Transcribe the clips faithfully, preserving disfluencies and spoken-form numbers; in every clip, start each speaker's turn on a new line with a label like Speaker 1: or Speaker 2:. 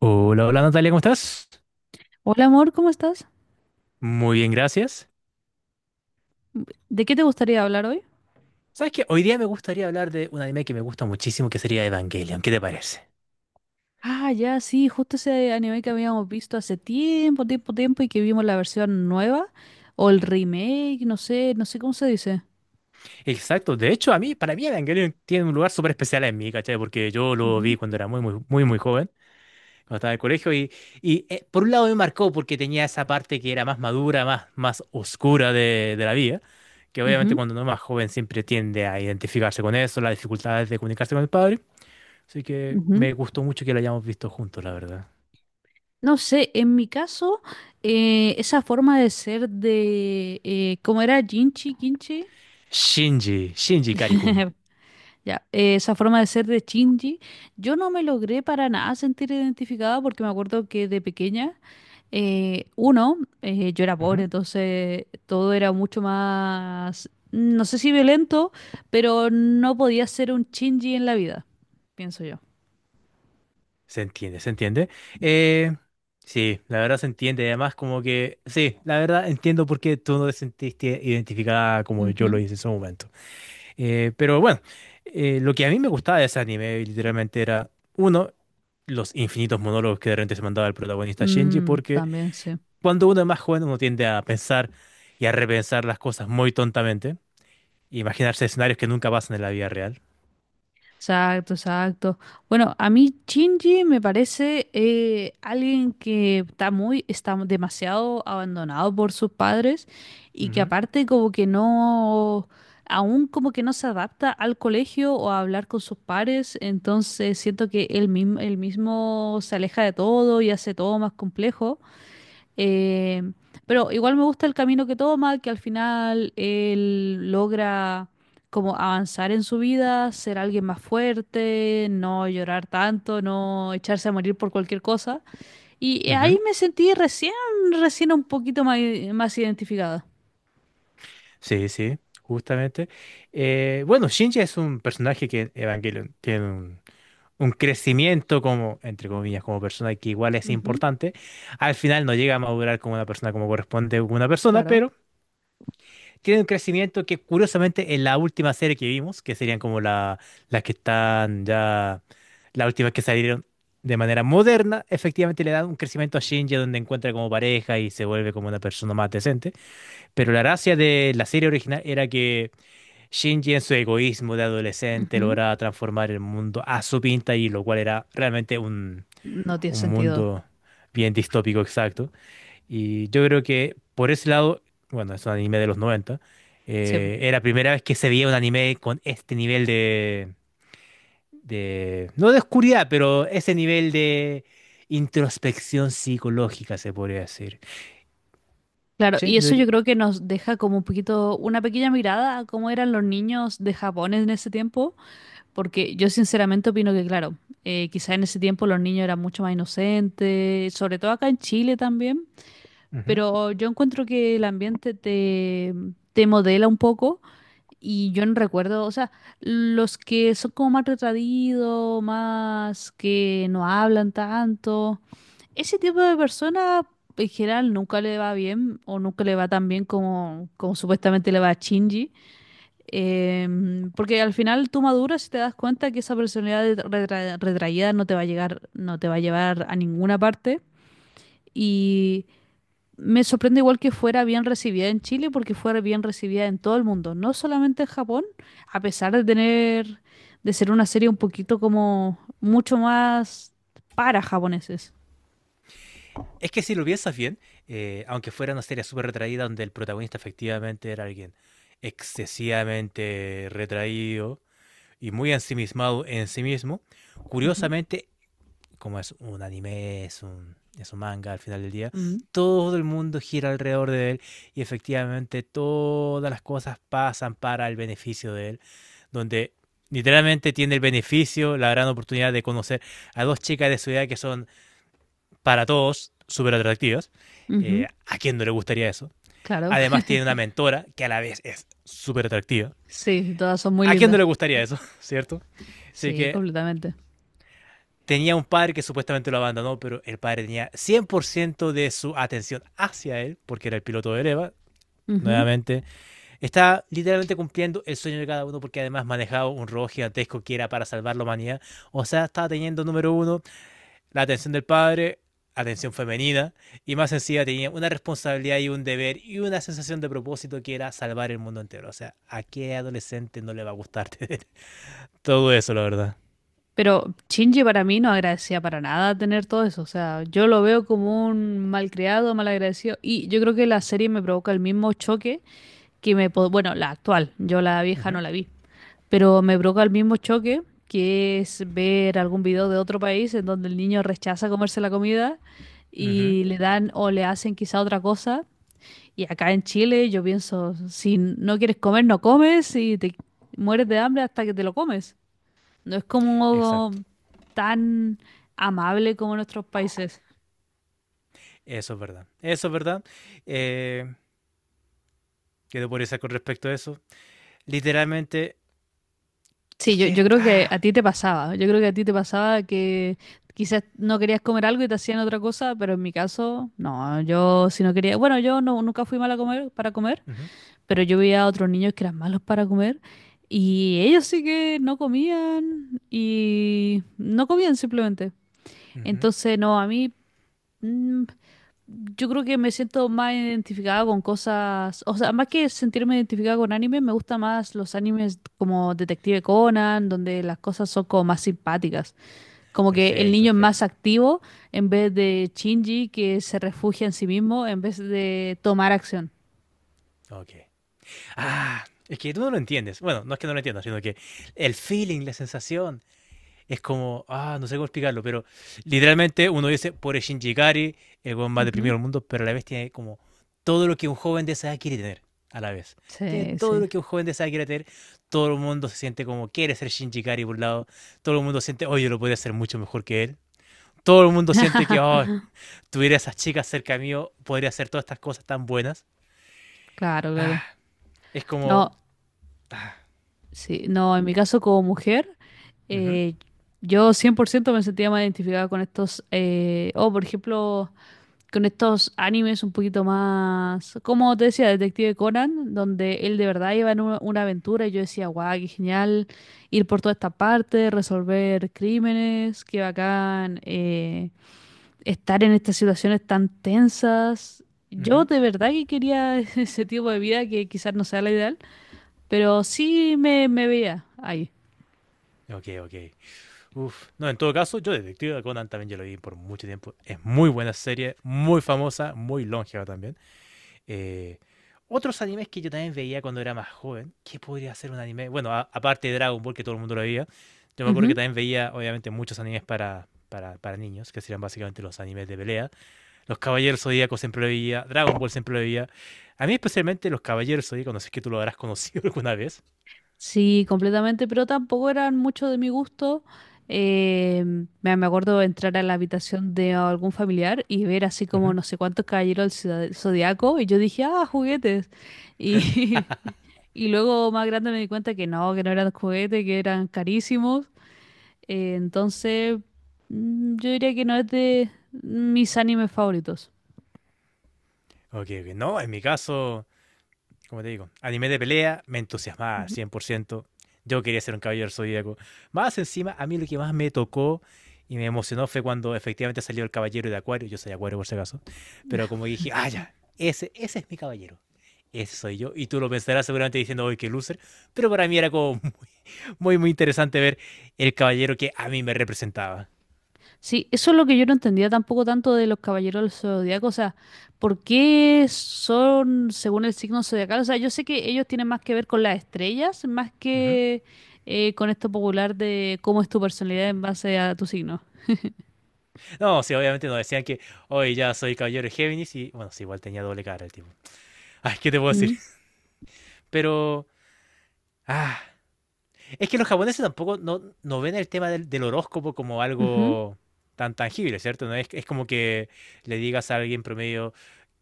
Speaker 1: Hola, hola Natalia, ¿cómo estás?
Speaker 2: Hola amor, ¿cómo estás?
Speaker 1: Muy bien, gracias.
Speaker 2: ¿De qué te gustaría hablar hoy?
Speaker 1: ¿Sabes qué? Hoy día me gustaría hablar de un anime que me gusta muchísimo, que sería Evangelion. ¿Qué te parece?
Speaker 2: Ah, ya, sí, justo ese anime que habíamos visto hace tiempo, tiempo, tiempo y que vimos la versión nueva o el remake, no sé, no sé cómo se dice.
Speaker 1: Exacto. De hecho, a mí, para mí Evangelion tiene un lugar súper especial en mí, ¿cachai? Porque yo lo
Speaker 2: Ujú,
Speaker 1: vi cuando era muy, muy, muy, muy joven, cuando estaba en el colegio, y, y eh, por un lado me marcó porque tenía esa parte que era más madura, más, más oscura de, de la vida, que obviamente
Speaker 2: ujú,
Speaker 1: cuando uno es más joven siempre tiende a identificarse con eso, las dificultades de comunicarse con el padre. Así que
Speaker 2: ujú.
Speaker 1: me gustó mucho que lo hayamos visto juntos, la verdad.
Speaker 2: No sé, en mi caso, eh, esa forma de ser de, eh, ¿cómo era? Jinchi, Kinchi.
Speaker 1: Shinji, Shinji Karikun.
Speaker 2: Ya, eh, esa forma de ser de Shinji, yo no me logré para nada sentir identificada porque me acuerdo que de pequeña, eh, uno, eh, yo era
Speaker 1: Ujú.
Speaker 2: pobre, entonces todo era mucho más, no sé si violento, pero no podía ser un Shinji en la vida, pienso yo.
Speaker 1: Se entiende, se entiende. Eh, sí, la verdad se entiende. Además, como que, sí, la verdad entiendo por qué tú no te sentiste identificada como yo lo
Speaker 2: Ujú.
Speaker 1: hice en su momento. Eh, pero bueno, eh, lo que a mí me gustaba de ese anime, literalmente, era, uno, los infinitos monólogos que de repente se mandaba el protagonista Shinji,
Speaker 2: Mm,
Speaker 1: porque
Speaker 2: también, sí.
Speaker 1: cuando uno es más joven, uno tiende a pensar y a repensar las cosas muy tontamente, e imaginarse escenarios que nunca pasan en la vida real.
Speaker 2: Exacto, exacto. Bueno, a mí Shinji me parece eh, alguien que está muy, está demasiado abandonado por sus padres y que
Speaker 1: Ujú,
Speaker 2: aparte como que no, aún como que no se adapta al colegio o a hablar con sus pares, entonces siento que él mismo, él mismo se aleja de todo y hace todo más complejo. Eh, pero igual me gusta el camino que toma, que al final él logra como avanzar en su vida, ser alguien más fuerte, no llorar tanto, no echarse a morir por cualquier cosa. Y eh, ahí
Speaker 1: ujú.
Speaker 2: me sentí recién, recién un poquito más, más identificada.
Speaker 1: Sí, sí, justamente. Eh, bueno, Shinji es un personaje que en Evangelion tiene un, un crecimiento como, entre comillas, como persona que igual es
Speaker 2: Ujú,
Speaker 1: importante. Al final no llega a madurar como una persona como corresponde a una persona,
Speaker 2: claro.
Speaker 1: pero tiene un crecimiento que curiosamente en la última serie que vimos, que serían como la, las que están ya, las últimas que salieron de manera moderna, efectivamente le dan un crecimiento a Shinji donde encuentra como pareja y se vuelve como una persona más decente. Pero la gracia de la serie original era que Shinji en su egoísmo de adolescente
Speaker 2: Ujú.
Speaker 1: lograba transformar el mundo a su pinta y lo cual era realmente un,
Speaker 2: No tiene
Speaker 1: un
Speaker 2: sentido.
Speaker 1: mundo bien distópico exacto. Y yo creo que por ese lado, bueno, es un anime de los noventa,
Speaker 2: Sí.
Speaker 1: eh, era la primera vez que se veía un anime con este nivel de, de, no de oscuridad, pero ese nivel de introspección psicológica se podría decir.
Speaker 2: Claro,
Speaker 1: Sí,
Speaker 2: y
Speaker 1: yo
Speaker 2: eso yo
Speaker 1: diría.
Speaker 2: creo que nos deja como un poquito, una pequeña mirada a cómo eran los niños de Japón en ese tiempo. Porque yo sinceramente opino que, claro, eh, quizá en ese tiempo los niños eran mucho más inocentes, sobre todo acá en Chile también, pero yo encuentro que el ambiente te, te modela un poco y yo no recuerdo, o sea, los que son como más retraídos, más que no hablan tanto, ese tipo de personas en general nunca le va bien o nunca le va tan bien como, como supuestamente le va a Shinji. Em, porque al final tú maduras y te das cuenta que esa personalidad de- retra- retraída no te va a llegar, no te va a llevar a ninguna parte. Y me sorprende igual que fuera bien recibida en Chile, porque fuera bien recibida en todo el mundo, no solamente en Japón, a pesar de tener, de ser una serie un poquito como mucho más para japoneses.
Speaker 1: Es que si lo piensas bien, eh, aunque fuera una serie súper retraída donde el protagonista efectivamente era alguien excesivamente retraído y muy ensimismado en sí mismo,
Speaker 2: Ujú.
Speaker 1: curiosamente, como es un anime, es un, es un manga al final del día,
Speaker 2: Mm,
Speaker 1: todo el mundo gira alrededor de él y efectivamente todas las cosas pasan para el beneficio de él, donde literalmente tiene el beneficio, la gran oportunidad de conocer a dos chicas de su edad que son para todos súper atractivas.
Speaker 2: ujú,
Speaker 1: Eh, ¿A quién no le gustaría eso?
Speaker 2: claro.
Speaker 1: Además tiene una mentora que a la vez es súper atractiva.
Speaker 2: Sí, todas son muy
Speaker 1: ¿A quién no
Speaker 2: lindas.
Speaker 1: le gustaría eso? ¿Cierto? Así
Speaker 2: Sí,
Speaker 1: que
Speaker 2: completamente.
Speaker 1: tenía un padre que supuestamente lo abandonó, pero el padre tenía cien por ciento de su atención hacia él, porque era el piloto de Eva. Nuevamente, está literalmente cumpliendo el sueño de cada uno, porque además manejaba un robot gigantesco que era para salvar la humanidad. O sea, estaba teniendo número uno la atención del padre, atención femenina, y más sencilla tenía una responsabilidad y un deber y una sensación de propósito que era salvar el mundo entero. O sea, ¿a qué adolescente no le va a gustar tener todo eso, la verdad?
Speaker 2: Pero Shinji para mí no agradecía para nada tener todo eso. O sea, yo lo veo como un mal creado, mal agradecido. Y yo creo que la serie me provoca el mismo choque que me... po- Bueno, la actual, yo la
Speaker 1: Uh
Speaker 2: vieja
Speaker 1: -huh,
Speaker 2: no la vi. Pero me provoca el mismo choque que es ver algún video de otro país en donde el niño rechaza comerse la comida
Speaker 1: uh -huh.
Speaker 2: y le dan o le hacen quizá otra cosa. Y acá en Chile yo pienso, si no quieres comer, no comes y te mueres de hambre hasta que te lo comes. No es
Speaker 1: Exacto.
Speaker 2: como tan amable como en otros países.
Speaker 1: Eso es verdad. Eso es verdad. Eh, ¿Qué te podría con respecto a eso? Literalmente,
Speaker 2: Sí,
Speaker 1: es
Speaker 2: yo, yo
Speaker 1: que...
Speaker 2: creo que
Speaker 1: Ah,
Speaker 2: a ti te pasaba. Yo creo que a ti te pasaba que quizás no querías comer algo y te hacían otra cosa, pero en mi caso, no. Yo si no quería, bueno, yo no, nunca fui mala a comer, para comer,
Speaker 1: uh
Speaker 2: pero yo veía a otros niños que eran malos para comer y ellos sí que no comían y no comían simplemente.
Speaker 1: -huh,
Speaker 2: Entonces, no, a mí Mm, yo creo que me siento más identificada con cosas, o sea, más que sentirme identificada con anime, me gusta más los animes como Detective Conan, donde las cosas son como más simpáticas, como que el
Speaker 1: perfecto,
Speaker 2: niño es más
Speaker 1: perfecto.
Speaker 2: activo en vez de Shinji que se refugia en sí mismo en vez de tomar acción.
Speaker 1: Ok. Ah, es que tú no lo entiendes. Bueno, no es que no lo entiendas, sino que el feeling, la sensación, es como, ah, no sé cómo explicarlo, pero literalmente uno dice, pobre Shinji Ikari, el weón más
Speaker 2: Ujú.
Speaker 1: deprimido del mundo, pero a la vez tiene como todo lo que un joven de esa edad quiere tener, a la vez. Tiene
Speaker 2: Sí,
Speaker 1: todo
Speaker 2: sí.
Speaker 1: lo que un joven de esa edad quiere tener, todo el mundo se siente como quiere ser Shinji Ikari por un lado, todo el mundo siente, oye, lo podría hacer mucho mejor que él, todo el mundo siente que, oh, tuviera esas chicas cerca mío, podría hacer todas estas cosas tan buenas.
Speaker 2: Claro,
Speaker 1: Ah,
Speaker 2: claro.
Speaker 1: es como,
Speaker 2: No.
Speaker 1: ah,
Speaker 2: Sí, no, en mi caso como mujer,
Speaker 1: ujú,
Speaker 2: eh, yo cien por ciento me sentía más identificada con estos, eh, o por ejemplo, con estos animes un poquito más, como te decía, Detective Conan, donde él de verdad iba en una, una aventura y yo decía, guau, qué genial ir por toda esta parte, resolver crímenes, qué bacán, eh, estar en estas situaciones tan tensas. Yo
Speaker 1: ujú.
Speaker 2: de verdad que quería ese tipo de vida que quizás no sea la ideal. Pero sí me, me veía ahí.
Speaker 1: Ok, ok. Uf. No, en todo caso, yo Detective Conan también ya lo vi por mucho tiempo. Es muy buena serie, muy famosa, muy longeva también. Eh, Otros animes que yo también veía cuando era más joven, ¿qué podría ser un anime? Bueno, a- aparte de Dragon Ball, que todo el mundo lo veía, yo me acuerdo que
Speaker 2: Ujú.
Speaker 1: también veía, obviamente, muchos animes para, para, para niños, que serían básicamente los animes de pelea. Los Caballeros Zodíacos siempre lo veía, Dragon Ball siempre lo veía. A mí especialmente los Caballeros Zodíacos, no sé si es que tú lo habrás conocido alguna vez.
Speaker 2: Sí, completamente, pero tampoco eran mucho de mi gusto. Eh, me me acuerdo de entrar a la habitación de algún familiar y ver así como
Speaker 1: Ujú.
Speaker 2: no sé cuántos caballeros del Zodía- zodiaco y yo dije, ah, juguetes. Y y luego más grande me di cuenta que no, que no eran juguetes, que eran carísimos. Eh, entonces, mm, yo diría que no es de mis animes favoritos.
Speaker 1: Ok, ok. No, en mi caso, como te digo, anime de pelea, me entusiasmaba al
Speaker 2: Ujú.
Speaker 1: cien por ciento. Yo quería ser un caballero zodíaco. Más encima, a mí lo que más me tocó y me emocionó fue cuando efectivamente salió el caballero de Acuario. Yo soy Acuario por si acaso. Pero como dije, ah, ya, ese, ese es mi caballero. Ese soy yo. Y tú lo pensarás seguramente diciendo, hoy que loser. Pero para mí era como muy, muy interesante ver el caballero que a mí me representaba.
Speaker 2: Sí, eso es lo que yo no entendía tampoco tanto de los caballeros del zodiaco, o sea, ¿por qué son según el signo zodiacal? O sea, yo sé que ellos tienen más que ver con las estrellas, más
Speaker 1: Ujú.
Speaker 2: que eh, con esto popular de cómo es tu personalidad en base a tu signo.
Speaker 1: No, sí, obviamente nos decían que hoy ya soy caballero de Géminis y bueno, sí, igual tenía doble cara el tipo. Ay, ¿qué te puedo decir?
Speaker 2: Mm,
Speaker 1: Pero, ah, es que los japoneses tampoco no, no ven el tema del, del horóscopo como
Speaker 2: ujú.
Speaker 1: algo tan tangible, ¿cierto? No es, es como que le digas a alguien promedio,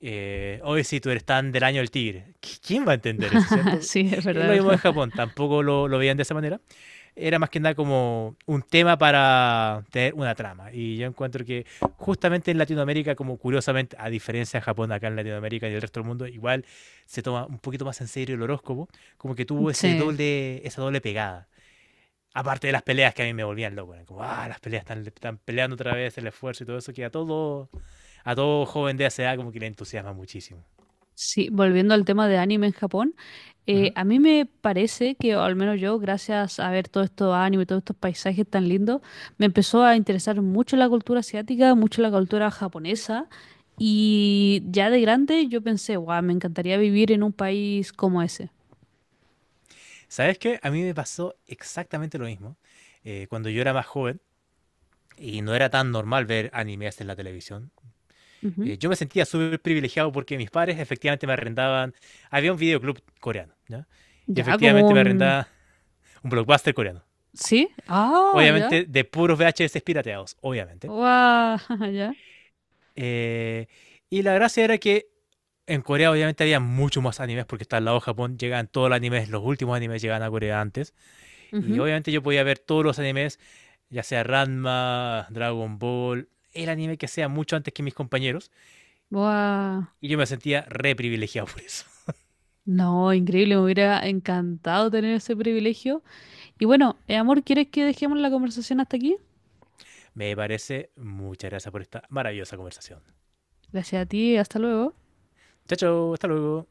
Speaker 1: eh, hoy si tú eres tan del año del tigre. ¿Qui- ¿Quién va a entender eso,
Speaker 2: Ah,
Speaker 1: cierto?
Speaker 2: sí, es
Speaker 1: Es lo
Speaker 2: verdad, es
Speaker 1: mismo en
Speaker 2: verdad.
Speaker 1: Japón, tampoco lo, lo veían de esa manera. Era más que nada como un tema para tener una trama. Y yo encuentro que justamente en Latinoamérica, como curiosamente, a diferencia de Japón, acá en Latinoamérica y el resto del mundo, igual se toma un poquito más en serio el horóscopo, como que tuvo ese
Speaker 2: Sí,
Speaker 1: doble, esa doble pegada. Aparte de las peleas que a mí me volvían loco, eran como, ah, las peleas están, están peleando otra vez, el esfuerzo y todo eso, que a todo, a todo joven de esa edad como que le entusiasma muchísimo.
Speaker 2: sí, volviendo al tema de anime en Japón. Eh,
Speaker 1: Ujú.
Speaker 2: a mí me parece que, o al menos yo, gracias a ver todo esto anime, y todos estos paisajes tan lindos, me empezó a interesar mucho la cultura asiática, mucho la cultura japonesa. Y ya de grande yo pensé, guau, me encantaría vivir en un país como ese.
Speaker 1: ¿Sabes qué? A mí me pasó exactamente lo mismo. Eh, cuando yo era más joven y no era tan normal ver animes en la televisión,
Speaker 2: Ujú.
Speaker 1: eh, yo me sentía súper privilegiado porque mis padres efectivamente me arrendaban, había un videoclub coreano, ¿ya? Y
Speaker 2: Ya, como
Speaker 1: efectivamente me
Speaker 2: un...
Speaker 1: arrendaba un blockbuster coreano.
Speaker 2: ¿Sí? Ah, ya.
Speaker 1: Obviamente de puros V H S pirateados, obviamente.
Speaker 2: Guau, ya.
Speaker 1: Eh, y la gracia era que en Corea obviamente había mucho más animes porque está al lado de Japón, llegaban todos los animes, los últimos animes llegaban a Corea antes. Y
Speaker 2: Ujú.
Speaker 1: obviamente yo podía ver todos los animes, ya sea Ranma, Dragon Ball, el anime que sea mucho antes que mis compañeros.
Speaker 2: Guau.
Speaker 1: Y yo me sentía re privilegiado por eso.
Speaker 2: No, increíble, me hubiera encantado tener ese privilegio. Y bueno, eh, amor, ¿quieres que dejemos la conversación hasta aquí?
Speaker 1: Me parece, muchas gracias por esta maravillosa conversación.
Speaker 2: Gracias a ti, hasta luego.
Speaker 1: Chao, chao, hasta luego.